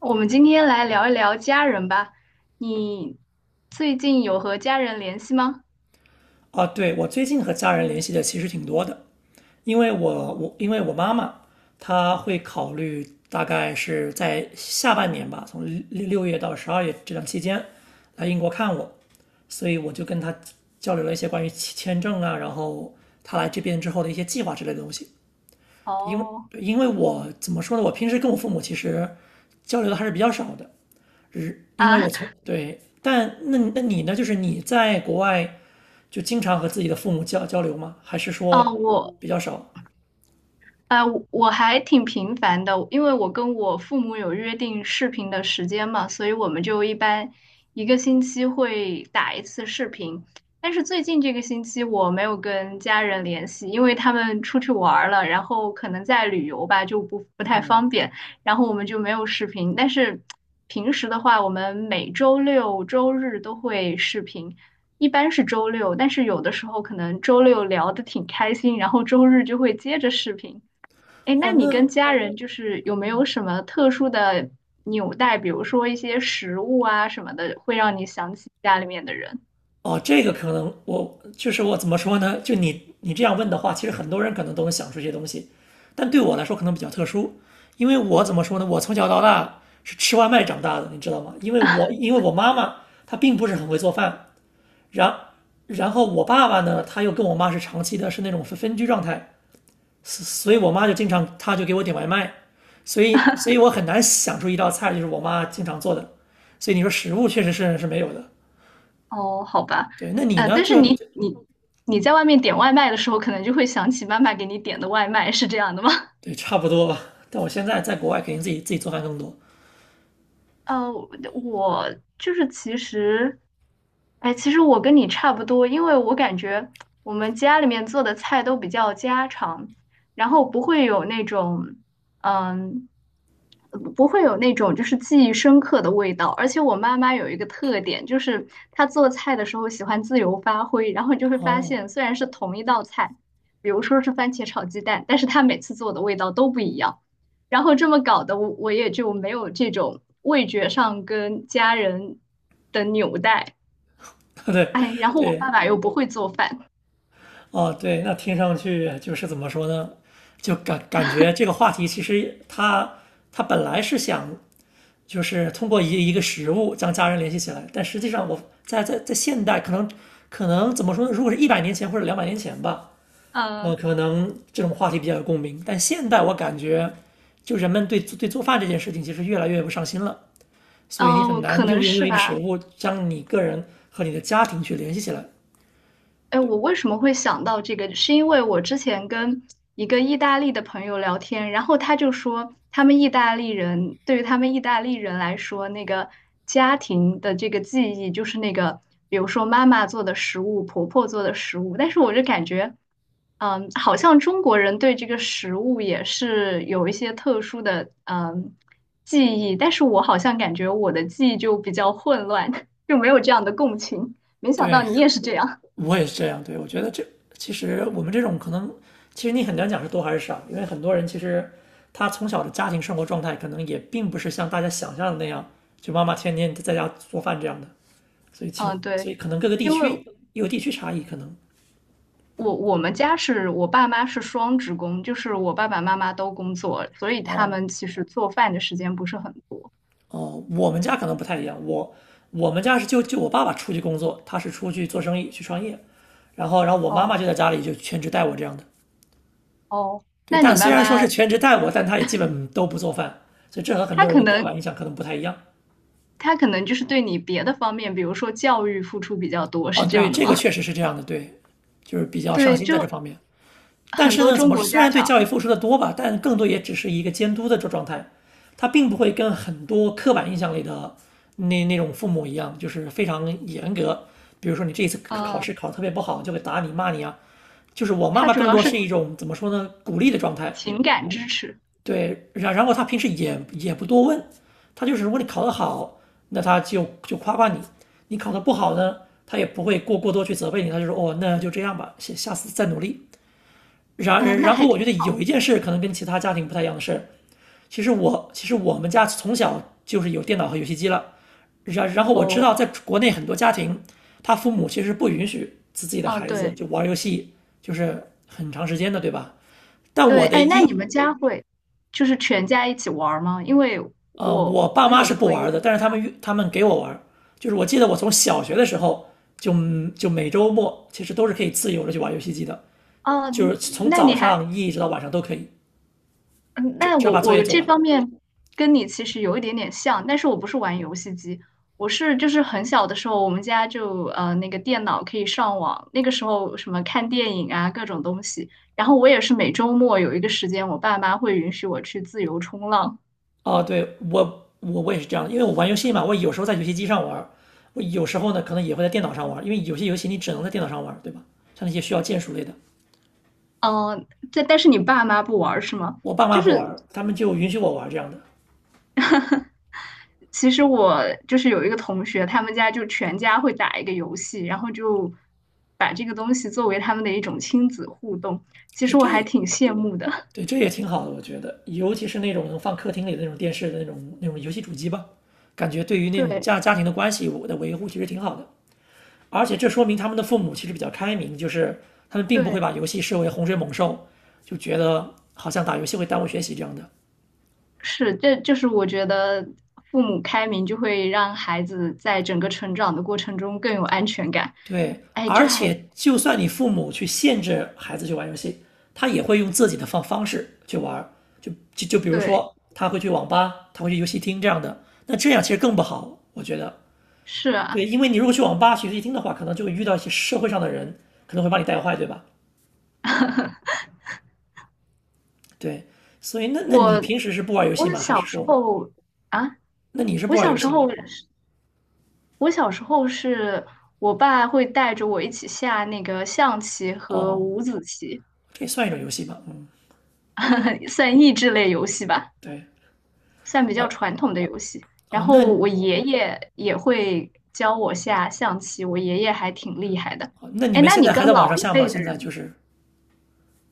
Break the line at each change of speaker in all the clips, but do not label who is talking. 我们今天来聊一聊家人吧。你最近有和家人联系吗？
啊，对，我最近和家人联系的其实挺多的，因为我妈妈她会考虑大概是在下半年吧，从六月到12月这段期间来英国看我，所以我就跟她交流了一些关于签证啊，然后她来这边之后的一些计划之类的东西。因为
哦，
因为我怎么说呢，我平时跟我父母其实交流的还是比较少的，只因为
啊，
我从对，但那你呢？就是你在国外就经常和自己的父母交流吗？还是
啊，
说
我，
比较少？
我还挺频繁的，因为我跟我父母有约定视频的时间嘛，所以我们就一般一个星期会打一次视频。但是最近这个星期我没有跟家人联系，因为他们出去玩儿了，然后可能在旅游吧，就不太方便，然后我们就没有视频。但是平时的话，我们每周六周日都会视频。一般是周六，但是有的时候可能周六聊的挺开心，然后周日就会接着视频。哎，
哦，
那你跟家人就是有没有什么特殊的纽带，比如说一些食物啊什么的，会让你想起家里面的人？
这个可能我就是我怎么说呢？就你你这样问的话，其实很多人可能都能想出这些东西，但对我来说可能比较特殊，因为我怎么说呢？我从小到大是吃外卖长大的，你知道吗？因为我妈妈她并不是很会做饭，然然后我爸爸呢，他又跟我妈是长期的是那种分居状态，所以我妈就经常，她就给我点外卖，所以我很难想出一道菜就是我妈经常做的，所以你说食物确实是没有的。
哦，好吧，
对，那你
呃，
呢？
但是你你你在外面点外卖的时候，可能就会想起妈妈给你点的外卖，是这样的吗？
对，差不多吧。但我现在在国外，肯定自己做饭更多。
呃，我就是其实，哎，其实我跟你差不多，因为我感觉我们家里面做的菜都比较家常，然后不会有那种。嗯不会有那种就是记忆深刻的味道。而且我妈妈有一个特点，就是她做菜的时候喜欢自由发挥，然后你就会发
哦，
现，虽然是同一道菜，比如说是番茄炒鸡蛋，但是她每次做的味道都不一样。然后这么搞的，我也就没有这种味觉上跟家人的纽带。
对
哎，然后我爸
对
爸又不会做饭，
哦对，那听上去就是怎么说呢？就感觉这个话题其实它本来是想就是通过一个食物将家人联系起来。但实际上，我在现代可能怎么说呢？如果是100年前或者200年前吧，
嗯、呃、
可能这种话题比较有共鸣。但现代我感觉，就人们对做饭这件事情其实越来越不上心了，所以你
嗯、
很
我可
难用
能
用
是
用一个食
吧。
物将你个人和你的家庭去联系起来。
哎，我为什么会想到这个？是因为我之前跟一个意大利的朋友聊天，然后他就说，他们意大利人对于他们意大利人来说，那个家庭的这个记忆就是那个，比如说妈妈做的食物，婆婆做的食物。但是我就感觉，嗯，好像中国人对这个食物也是有一些特殊的记忆，但是我好像感觉我的记忆就比较混乱，就没有这样的共情。没想
对，
到你也是这样。
我也是这样，对，我觉得这其实我们这种可能，其实你很难讲是多还是少，因为很多人其实他从小的家庭生活状态可能也并不是像大家想象的那样，就妈妈天天在家做饭这样的，所以情，
嗯，
所以
对，
可能各个地
因为
区有地区差异，可能。
我们家是我爸妈是双职工，就是我爸爸妈妈都工作，所以他
哦
们其实做饭的时间不是很多。
哦，我们家可能不太一样，我们家是就我爸爸出去工作，他是出去做生意去创业，然后我妈妈就
哦
在家里就全职带我这样的，
哦，
对，
那你
但虽
妈
然说
妈
是全职带我，但他也基本都不做饭，所以这和很
她
多人
可
的刻板
能
印象可能不太一样。
她可能就是对你别的方面，比如说教育付出比较多，
哦，
是这
对，
样的
这个
吗？
确 实是这样的，对，就是比较上
对，
心在这方
就
面。但
很
是
多
呢，怎
中
么说
国
虽
家
然对
长，
教育付出的多吧，但更多也只是一个监督的这状态，他并不会跟很多刻板印象里的那种父母一样，就是非常严格。比如说你这一次考
嗯、
试考得特别不好，就会打你骂你啊。就是我妈
他
妈
主
更
要
多
是
是一种怎么说呢，鼓励的状态。
情感支持，
对，然后他平时也也不多问，他就是如果你考得
嗯、
好，那他就就夸夸你；你考得不好呢，他也不会过多去责备你，他就说哦，那就这样吧，下次再努力。然
那
然后
还
我
挺
觉得有一件事可能跟其他家庭不太一样的是，其实我们家从小就是有电脑和游戏机了，然后我知
哦，
道在国内很多家庭，他父母其实不允许自己的
嗯、
孩子
对。
就玩游戏，就是很长时间的，对吧？但
对，
我的
哎，那你
一
们家会就是全家一起玩儿吗？因为
呃，
我
我爸
我
妈
有
是
的
不
朋友，
玩的，但是他们给我玩，就是我记得我从小学的时候就就每周末其实都是可以自由的去玩游戏机的，
哦，
就
嗯
是从
那
早
你还，
上一直到晚上都可以，
嗯
只
那
只要
我
把作业
我
做
这
完。
方面跟你其实有一点点像，但是我不是玩游戏机，我是就是很小的时候，我们家就呃那个电脑可以上网，那个时候什么看电影啊各种东西，然后我也是每周末有一个时间，我爸妈会允许我去自由冲浪，
哦，对，我也是这样的，因为我玩游戏嘛，我有时候在游戏机上玩，我有时候呢可能也会在电脑上玩，因为有些游戏你只能在电脑上玩，对吧？像那些需要键鼠类的，
嗯、呃，但是你爸妈不玩儿是吗？
我爸
就
妈不
是。
玩，他们就允许我玩这样的。
其实我就是有一个同学，他们家就全家会打一个游戏，然后就把这个东西作为他们的一种亲子互动。其
对，
实我还挺羡慕的。
对，这也挺好的，我觉得，尤其是那种能放客厅里的那种电视的那种游戏主机吧，感觉对于 那种
对
家庭的关系我的维护其实挺好的。而且这说明他们的父母其实比较开明，就是他们并不会
对，
把游戏视为洪水猛兽，就觉得好像打游戏会耽误学习这样的。
是，这就是我觉得父母开明就会让孩子在整个成长的过程中更有安全感。
对，
哎，
而
这还
且就算你父母去限制孩子去玩游戏，他也会用自己的方式去玩就比如
对，
说他会去网吧，他会去游戏厅这样的。那这样其实更不好，我觉得。
是
对，
啊，
因为你如果去网吧、去夜厅的话，可能就会遇到一些社会上的人，可能会把你带坏，对吧？对，所以那你
我
平时是不玩游戏
我
吗？还
小
是
时
说，
候啊，
那你是不
我
玩
小
游
时
戏吗？
候我小时候是我爸会带着我一起下那个象棋和
哦，
五子棋，
这也算一种游戏吧。嗯，
算益智类游戏吧，
对，
算比较
哦
传统的游戏。然
哦，
后
那
我爷爷也会教我下象棋，我爷爷还挺厉害的。
哦那你
哎，
们
那
现在
你跟
还在网
老
上
一
下吗？
辈的
现在就
人，
是，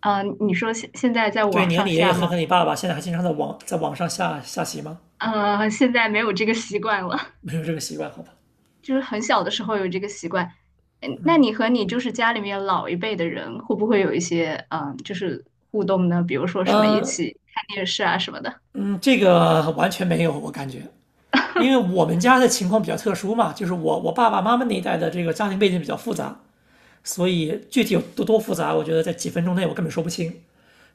嗯，你说现在在
对，
网
你和
上
你爷爷
下吗？
和和你爸爸现在还经常在网上下棋吗？
呃，现在没有这个习惯了。
没有这个习惯，好吧？
就是很小的时候有这个习惯。嗯，那
嗯
你和你就是家里面老一辈的人，会不会有一些嗯，就是互动呢？比如说什么一
嗯
起看电视啊什么的。
嗯，这个完全没有，我感觉。因为我们家的情况比较特殊嘛，就是我我爸爸妈妈那一代的这个家庭背景比较复杂，所以具体有多复杂，我觉得在几分钟内我根本说不清。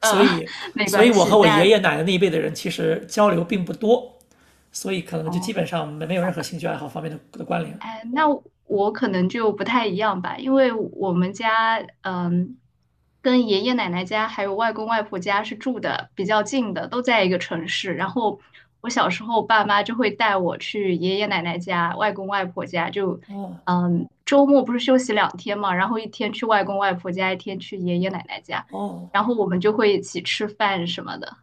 所
嗯，
以，
没
所以
关
我
系。
和我爷
那
爷奶奶那一辈的人其实交流并不多，所以可能就基
哦，
本上没有
好。
任何兴趣爱好方面的关联。
哎，那我可能就不太一样吧，因为我们家，嗯，跟爷爷奶奶家还有外公外婆家是住的比较近的，都在一个城市。然后我小时候，爸妈就会带我去爷爷奶奶家、外公外婆家，就，
哦
嗯，周末不是休息两天嘛，然后一天去外公外婆家，一天去爷爷奶奶家，
哦，
然后我们就会一起吃饭什么的。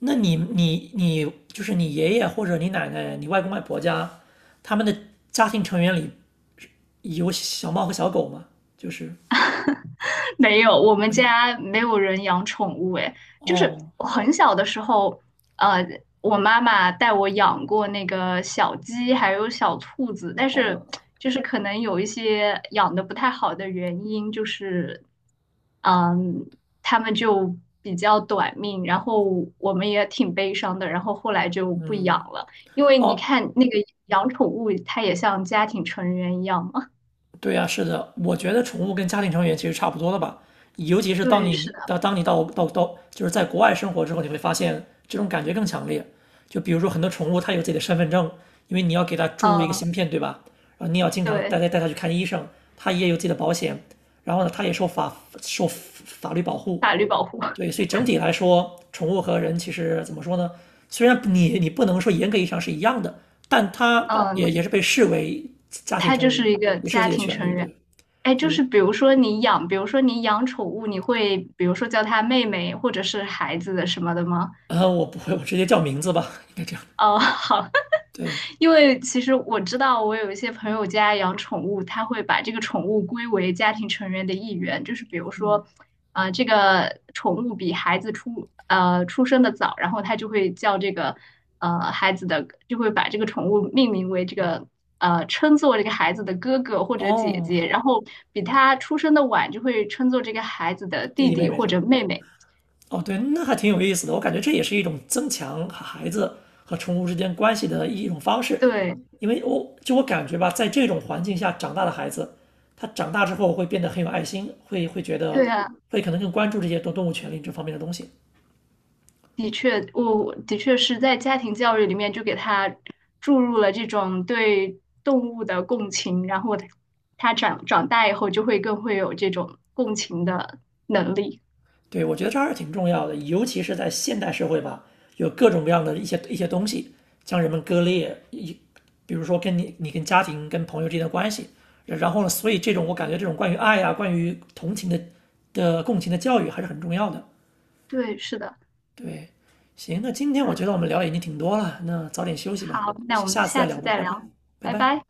那你就是你爷爷或者你奶奶、你外公外婆家，他们的家庭成员里有小猫和小狗吗？就是
没有，我们
没有。
家没有人养宠物，诶，就是
哦
我很小的时候，呃，我妈妈带我养过那个小鸡，还有小兔子，但是
哦，
就是可能有一些养的不太好的原因，就是嗯，它们就比较短命，然后我们也挺悲伤的，然后后来就不
嗯，
养了，因为你
哦
看那个养宠物，它也像家庭成员一样嘛。
对呀，是的，我觉得宠物跟家庭成员其实差不多的吧，尤其是当
对，是
你
的，
到当你到到到就是在国外生活之后，你会发现这种感觉更强烈。就比如说很多宠物它有自己的身份证，因为你要给它注入一个
嗯，
芯片，对吧？然后你要经常带
对，
带带它去看医生，它也有自己的保险，然后呢，它也受法律保护，
法律保护。
对，所以整体来说，宠物和人其实怎么说呢？虽然你你不能说严格意义上是一样的，但它也
嗯，
也是被视为家庭
他
成
就
员，
是一个
也是有自
家
己的
庭
权
成
利。对，
员。哎，就是
对，
比如说你养，比如说你养宠物，你会比如说叫他妹妹或者是孩子的什么的吗？
我不会，我直接叫名字吧，应该这样。
哦，好，
对，
因为其实我知道，我有一些朋友家养宠物，他会把这个宠物归为家庭成员的一员，就是比如
嗯，
说，呃，这个宠物比孩子出生的早，然后他就会叫这个呃孩子的，就会把这个宠物命名为这个呃称作这个孩子的哥哥或者姐
哦，
姐，然后比他出生的晚，就会称作这个孩子的
弟
弟
弟妹
弟
妹
或
这
者
样
妹妹。
哦，对，那还挺有意思的。我感觉这也是一种增强孩子和宠物之间关系的一种方式，
对，
因为我感觉吧，在这种环境下长大的孩子，他长大之后会变得很有爱心，会觉得
对啊。
会可能更关注这些动物权利这方面的东西。
的确，我的确是在家庭教育里面就给他注入了这种对动物的共情，然后他他长大以后就会更会有这种共情的能力。
对，我觉得这还是挺重要的，尤其是在现代社会吧，有各种各样的一些东西将人们割裂，比如说跟你跟家庭跟朋友之间的关系，然后呢，所以这种我感觉这种关于爱啊，关于同情的共情的教育还是很重要的。
对，是的
对，行，那今天我
啊，
觉得我们聊的已经挺多了，那早点休息吧，
好，那我们
下次再
下
聊
次
吧，
再
拜拜，
聊，
拜
拜
拜。
拜。